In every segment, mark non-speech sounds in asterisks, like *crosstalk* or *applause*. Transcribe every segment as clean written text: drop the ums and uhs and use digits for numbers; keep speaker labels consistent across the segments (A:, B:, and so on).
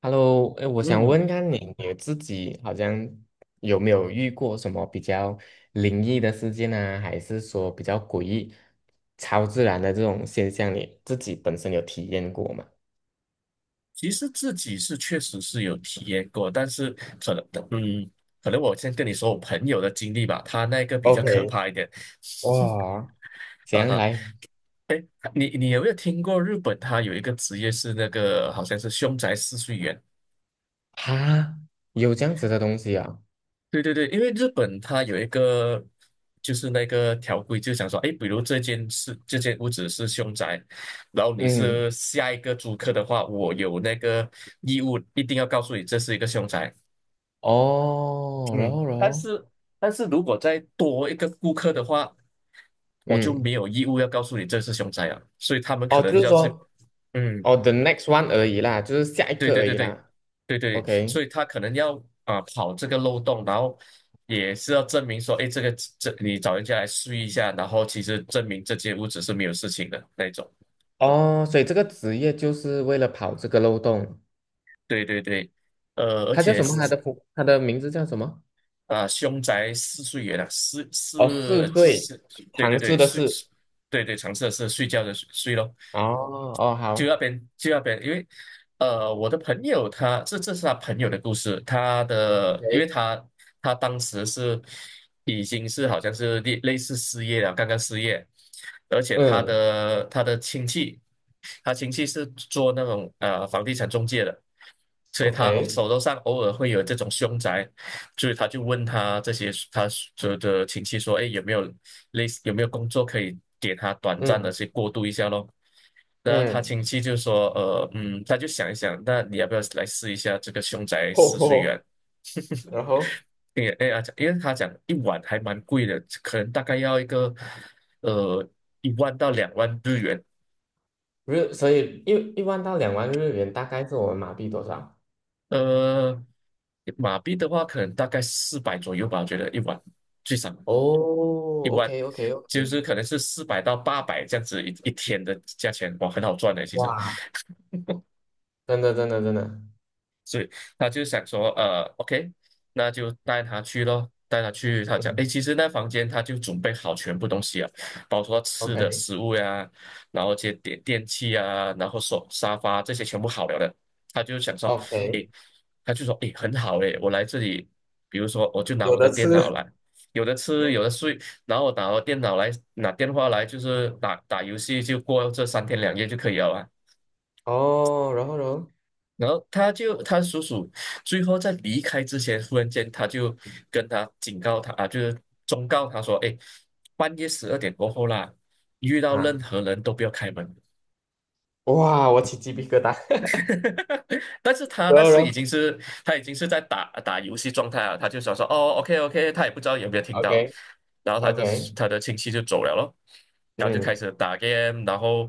A: Hello，哎，我想
B: 嗯，
A: 问看你，你自己好像有没有遇过什么比较灵异的事件啊，还是说比较诡异、超自然的这种现象，你自己本身有体验过吗
B: 其实自己是确实是有体验过，但是可能，嗯，可能我先跟你说我朋友的经历吧，他那个比较可
A: ？OK，
B: 怕一点。*laughs*
A: 哇，这
B: 啊
A: 样
B: 哈，
A: 来？
B: 你有没有听过日本？它有一个职业是那个好像是凶宅试睡员。
A: 哈，有这样子的东西啊？
B: 对对对，因为日本它有一个就是那个条规，就想说，哎，比如这间屋子是凶宅，然后你
A: 嗯，
B: 是下一个租客的话，我有那个义务一定要告诉你这是一个凶宅。
A: 哦，然
B: 嗯，
A: 后然
B: 但
A: 后，
B: 是但是如果再多一个顾客的话，我就没
A: 嗯，
B: 有义务要告诉你这是凶宅了，所以他们可
A: 哦，
B: 能
A: 就
B: 就
A: 是
B: 要去，
A: 说，
B: 嗯，
A: 哦，the next one 而已啦，就是下一
B: 对
A: 个
B: 对
A: 而
B: 对
A: 已
B: 对
A: 啦。
B: 对对，
A: OK，
B: 所以他可能要啊、跑这个漏洞，然后也是要证明说，哎，这你找人家来试一下，然后其实证明这间屋子是没有事情的那种，
A: 哦，所以这个职业就是为了跑这个漏洞。
B: 对对对，而
A: 他叫
B: 且
A: 什么？他的名字叫什么？
B: 啊，凶宅四睡元啊，是
A: 哦，四
B: 是
A: 岁，
B: 是，对对
A: 唐氏
B: 对，
A: 的
B: 睡，
A: 氏。
B: 对对，常设是睡觉的睡睡咯。
A: 哦哦，
B: 就那
A: 好
B: 边就那边，因为我的朋友他这是他朋友的故事，他的因为
A: ，OK，
B: 他他当时是已经是好像是类似失业了，刚刚失业，而且他
A: 嗯
B: 的他的亲戚，他亲戚是做那种房地产中介的，所以他
A: ，OK，
B: 手头上偶尔会有这种凶宅，所以他就问他这些他所有的亲戚说，哎，有没有类似工作可以给他短暂的
A: 嗯
B: 去过渡一下咯？那他
A: 嗯，
B: 亲戚就说，他就想一想，那你要不要来试一下这个凶宅
A: 吼
B: 试睡
A: 吼，
B: 员？
A: 然后
B: 因为哎呀，因为他讲一晚还蛮贵的，可能大概要一个呃1万到2万日元，
A: 所以一万到两万日元大概是我们马币多少？
B: 呃，马币的话可能大概四百左右吧，我觉得一晚最少。
A: 哦，OK OK
B: 就
A: OK，
B: 是可能是400到800这样子一天的价钱，哇，很好赚的，其实。
A: 哇，真的真的真的，
B: 所以他就想说，OK，那就带他去咯，带他去。他讲，诶，
A: 嗯
B: 其实那房间他就准备好全部东西啊，包括吃的
A: ，OK
B: 食物呀、然后这些电器啊，然后手沙发这些全部好了的。他就想说，
A: OK，
B: 诶，他就说，诶，很好诶，我来这里，比如说我就拿
A: 有
B: 我的
A: 的吃
B: 电脑来，有的吃，有的睡，然后拿我电脑来，拿电话来，就是打打游戏，就过这3天2夜就可以了啊。
A: 哦，然后
B: 然后他叔叔最后在离开之前，忽然间他就跟他警告他啊，就是忠告他说：“哎，半夜十二点过后啦，遇到任
A: 啊，
B: 何人都不要开门。”
A: 哇，我起鸡皮疙瘩，
B: *laughs* 但是
A: *laughs*
B: 他
A: 然
B: 那
A: 后
B: 时
A: 然
B: 已
A: 后
B: 经是他已经是在打打游戏状态了，他就想说哦，OK OK，他也不知道有没有听
A: OK
B: 到，然后他
A: OK，
B: 的他的亲戚就走了咯，然后就开
A: 嗯
B: 始打 game，然后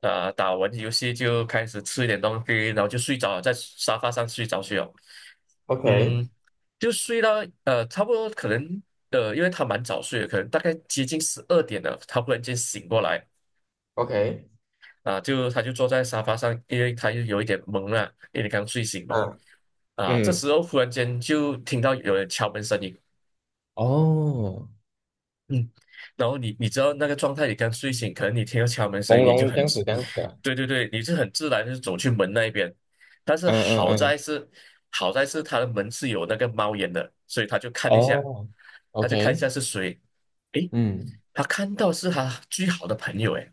B: 打完游戏就开始吃一点东西，然后就睡着了，在沙发上睡着去了，
A: ，OK
B: 嗯，就睡到差不多可能因为他蛮早睡的，可能大概接近十二点了，他忽然间醒过来，
A: OK。
B: 啊，就他就坐在沙发上，因为他又有一点懵了，因为刚睡醒嘛。
A: 嗯
B: 啊，这
A: 嗯，
B: 时候忽然间就听到有人敲门声音，
A: 哦，
B: 嗯，然后你知道那个状态，你刚睡醒，可能你听到敲门声
A: 朦
B: 音，你就
A: 胧这
B: 很
A: 样
B: 自
A: 子这样子啊
B: 对对对，你是很自然就走去门那一边，但是
A: 嗯嗯
B: 好
A: 嗯，
B: 在是好在是他的门是有那个猫眼的，所以他就看一下，
A: 哦
B: 他就看一
A: ，OK，
B: 下是谁，诶，
A: 嗯，
B: 他看到是他最好的朋友，诶。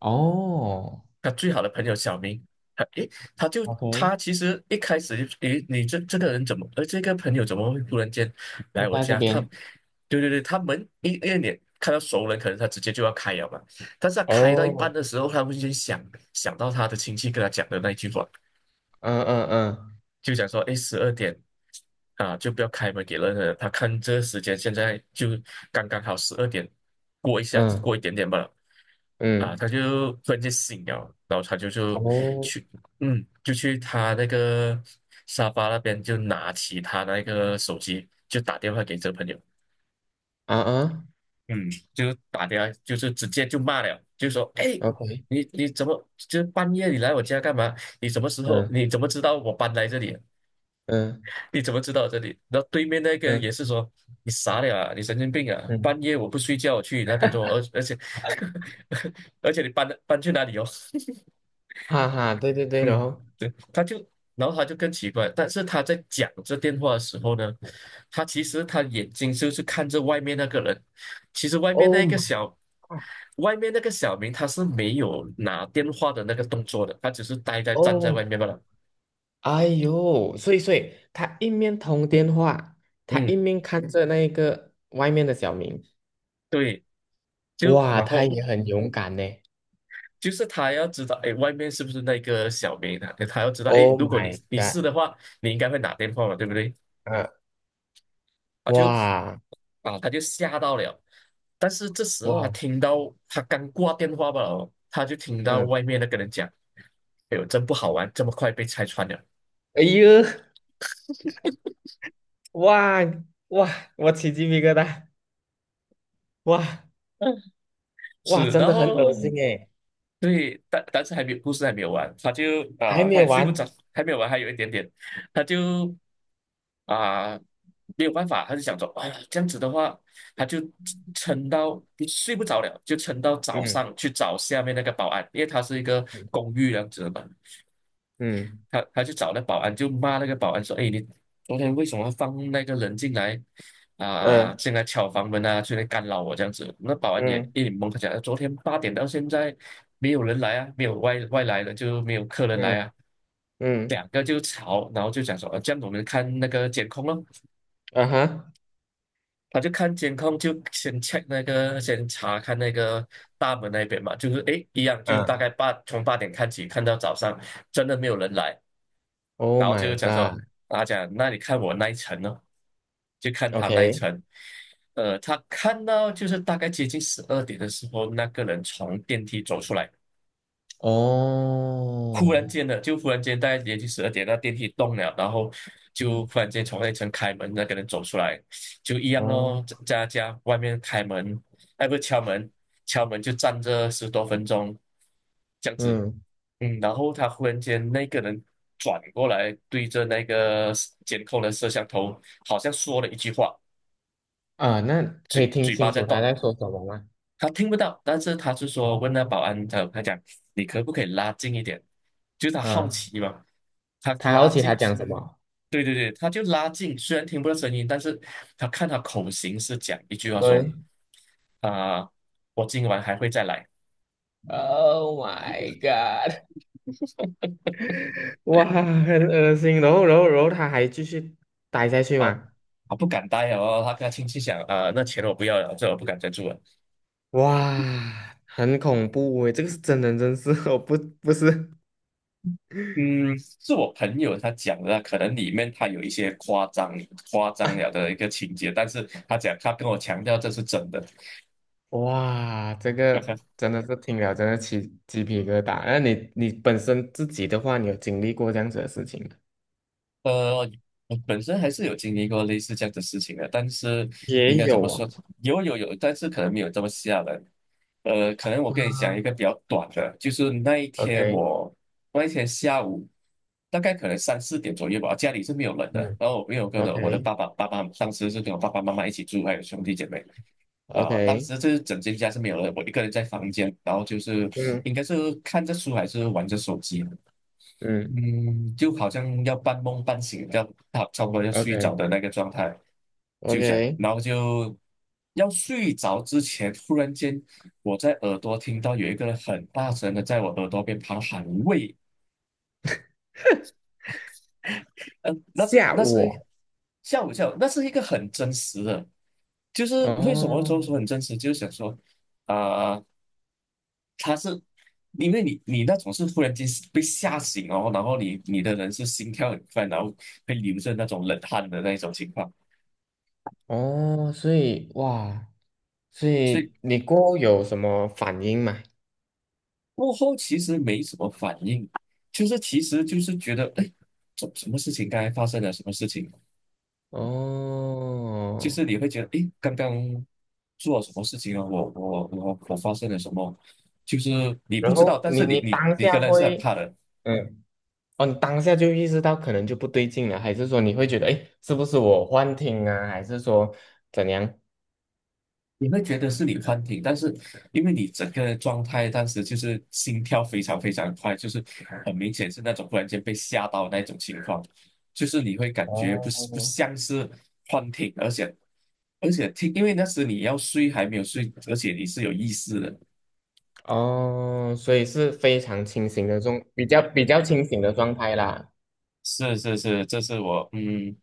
A: 哦
B: 他最好的朋友小明，他诶，他就
A: ，OK，
B: 他其实一开始就诶，你这个人怎么，这个朋友怎么会突然间
A: 就
B: 来我
A: 在这
B: 家？他，
A: 边，
B: 对对对，他们一脸看到熟人，可能他直接就要开了嘛。但是他开到一半
A: 哦，
B: 的时候，他会先想想到他的亲戚跟他讲的那一句话，
A: 嗯嗯嗯
B: 就想说，哎，十二点啊，就不要开门给任何人。他看这个时间，现在就刚刚好十二点过一下，
A: 嗯
B: 过一点点吧。啊，
A: 嗯，
B: 他就突然间醒了，然后他就
A: 哦，
B: 去，嗯，就去他那个沙发那边，就拿起他那个手机，就打电话给这个朋友。
A: 啊啊
B: 嗯，就打电话，就是直接就骂了，就说：“哎，
A: ，OK，
B: 你怎么就是半夜你来我家干嘛？你什么时候？
A: 嗯
B: 你怎么知道我搬来这里啊？”
A: 嗯
B: 你怎么知道这里？然后对面那个人
A: 嗯
B: 也是说你傻了啊，你神经病啊！
A: 嗯，
B: 半夜我不睡觉我去你那边做，而且 *laughs* 而且你搬去哪里哦？
A: 哈哈，对对对，然
B: 嗯，
A: 后
B: 对，然后他就更奇怪，但是他在讲这电话的时候呢，他其实他眼睛就是看着外面那个人，其实外面
A: ，Oh
B: 那个
A: my
B: 小
A: God，
B: 外面那个小明他是没有拿电话的那个动作的，他只是呆在站在
A: 哦，
B: 外面罢了。
A: 哎呦，所以他一面通电话，他一
B: 嗯，
A: 面看着那个外面的小明，
B: 对，就
A: 哇，
B: 然
A: 他
B: 后。
A: 也很勇敢呢。
B: 就是他要知道，哎，外面是不是那个小明啊？他要知道，哎，
A: Oh
B: 如果你
A: my
B: 你
A: god！
B: 是的话，你应该会打电话嘛，对不对？
A: 啊，
B: 啊，就
A: 哇
B: 啊，他就吓到了。但是这时候他
A: 哇，
B: 听到他刚挂电话吧，哦他就听到
A: 嗯，
B: 外面那个人讲：“哎呦，真不好玩，这么快被拆穿了。”
A: 哎呦，哇哇，我起鸡皮疙瘩，哇哇，
B: 是，
A: 真
B: 然
A: 的很恶
B: 后
A: 心诶，
B: 对，但是还没有故事还没有完，他就
A: 还
B: 啊、他
A: 没
B: 也睡不着，
A: 完，
B: 还没有完，还有一点点，他就啊、没有办法，他就想说，哎呀，这样子的话，他就撑到睡不着了，就撑到早
A: 嗯
B: 上去找下面那个保安，因为他是一个
A: 嗯
B: 公寓这样子的嘛，
A: 嗯
B: 他就找那保安，就骂那个保安说：“哎，你昨天为什么放那个人进来啊啊啊
A: 嗯
B: 进来敲房门啊，进来干扰我这样子。”那保安也
A: 嗯
B: 一脸懵，他讲：“昨天八点到现在没有人来啊，没有外来的就没有客人来
A: 嗯
B: 啊。”
A: 嗯，
B: 两个就吵，然后就讲说：“啊，这样我们看那个监控咯。”
A: 啊哈，
B: 他就看监控，就先 check 那个，先查看那个大门那边嘛，就是诶，一样，就大
A: 嗯
B: 概从八点看起，看到早上，真的没有人来。
A: ，Oh
B: 然后就是
A: my
B: 讲说，他讲那你看我那一层呢，就看他那一
A: god！OK，
B: 层，他看到就是大概接近十二点的时候，那个人从电梯走出来，忽然
A: 哦，
B: 间的，就忽然间大概连续十二点，那电梯动了，然后就
A: 嗯
B: 忽然间从那层开门，那个人走出来，就一样哦，在
A: 哦
B: 在他家外面开门，哎，不是敲门，敲门就站着10多分钟，这样子，
A: 嗯
B: 嗯，然后他忽然间那个人转过来，对着那个监控的摄像头，好像说了一句话，
A: 啊，那可以
B: 嘴
A: 听
B: 嘴巴
A: 清
B: 在
A: 楚他
B: 动，
A: 在说什么吗？
B: 他听不到，但是他就说问
A: 哦，
B: 那保安，他他讲你可不可以拉近一点？就是他好
A: 嗯，
B: 奇嘛，他
A: 他好
B: 拉
A: 奇他
B: 近，
A: 讲什么？
B: 对对对，他就拉近，虽然听不到声音，但是他看他口型是讲一句话说
A: 对，
B: 啊、我今晚还会再来。
A: Oh my god！*laughs* 哇，很恶心。然后他还继续待下去
B: 好，
A: 嘛？
B: 他不敢待哦，他跟他亲戚讲啊、那钱我不要了，这我不敢再住了。
A: 哇，很恐怖诶，这个是真人真事哦，不，不是。
B: 嗯，是我朋友他讲的，可能里面他有一些夸张夸张了
A: *laughs*
B: 的一个情节，但是他讲他跟我强调这是真的。
A: 哇，这个
B: *laughs*
A: 真的是听了真的起鸡皮疙瘩。那你本身自己的话，你有经历过这样子的事情吗？
B: 呃，我本身还是有经历过类似这样的事情的，但是应
A: 也
B: 该怎么
A: 有啊。
B: 说？有有有，但是可能没有这么吓人。可能我跟你讲
A: 啊
B: 一个比较短的，就是那一天
A: ，OK，
B: 我那一天下午大概可能3、4点左右吧，家里是没有人的，
A: 嗯
B: 然后我没有跟着我的爸爸，当时是跟我爸爸妈妈一起住，还有兄弟姐妹。啊、当
A: ，OK，OK，
B: 时这整间家是没有人，我一个人在房间，然后就是
A: 嗯
B: 应该是看着书还是玩着手机，
A: 嗯
B: 嗯，就好像要半梦半醒，要差不多要睡着的那个状态，就这样，
A: ，OK，OK，
B: 然后就要睡着之前，突然间我在耳朵听到有一个人很大声的在我耳朵边旁喊喂，嗯、那是
A: 下
B: 那
A: 午
B: 是
A: 哦，
B: 吓我一跳，那是一个很真实的，就是为什么说
A: 哦
B: 说很真实，就是想说啊。他是因为你那种是忽然间被吓醒哦，然后你的人是心跳很快，然后会流着那种冷汗的那种情况，
A: 哦，所以哇，所
B: 所以
A: 以你过后有什么反应吗？
B: 过后其实没什么反应，就是其实就是觉得哎，什么事情刚才发生了什么事情，就
A: 哦，
B: 是你会觉得哎，刚刚做了什么事情啊，我发生了什么，就是你不
A: 然
B: 知道，
A: 后
B: 但
A: 你
B: 是你
A: 你
B: 你
A: 当
B: 你跟
A: 下
B: 人是很
A: 会，
B: 怕的，
A: 嗯，哦，你当下就意识到可能就不对劲了，还是说你会觉得，哎，是不是我幻听啊？还是说怎样？
B: 你会觉得是你幻听，但是因为你整个状态当时就是心跳非常非常快，就是很明显是那种突然间被吓到的那种情况，就是你会感觉不是不
A: 哦
B: 像是幻听，而且，因为那时你要睡还没有睡，而且你是有意识的。
A: 哦，所以是非常清醒的比较清醒的状态啦。
B: 是是是，这是我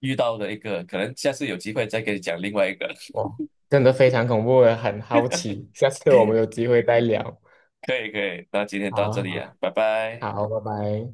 B: 遇到的一个，可能下次有机会再给你讲另外一个。*laughs*
A: 哇，真的非常恐怖，我也很好奇，下次我们有机会再聊。
B: 可以可以，那今天到这
A: 好
B: 里啊，拜拜。
A: 好好，拜拜。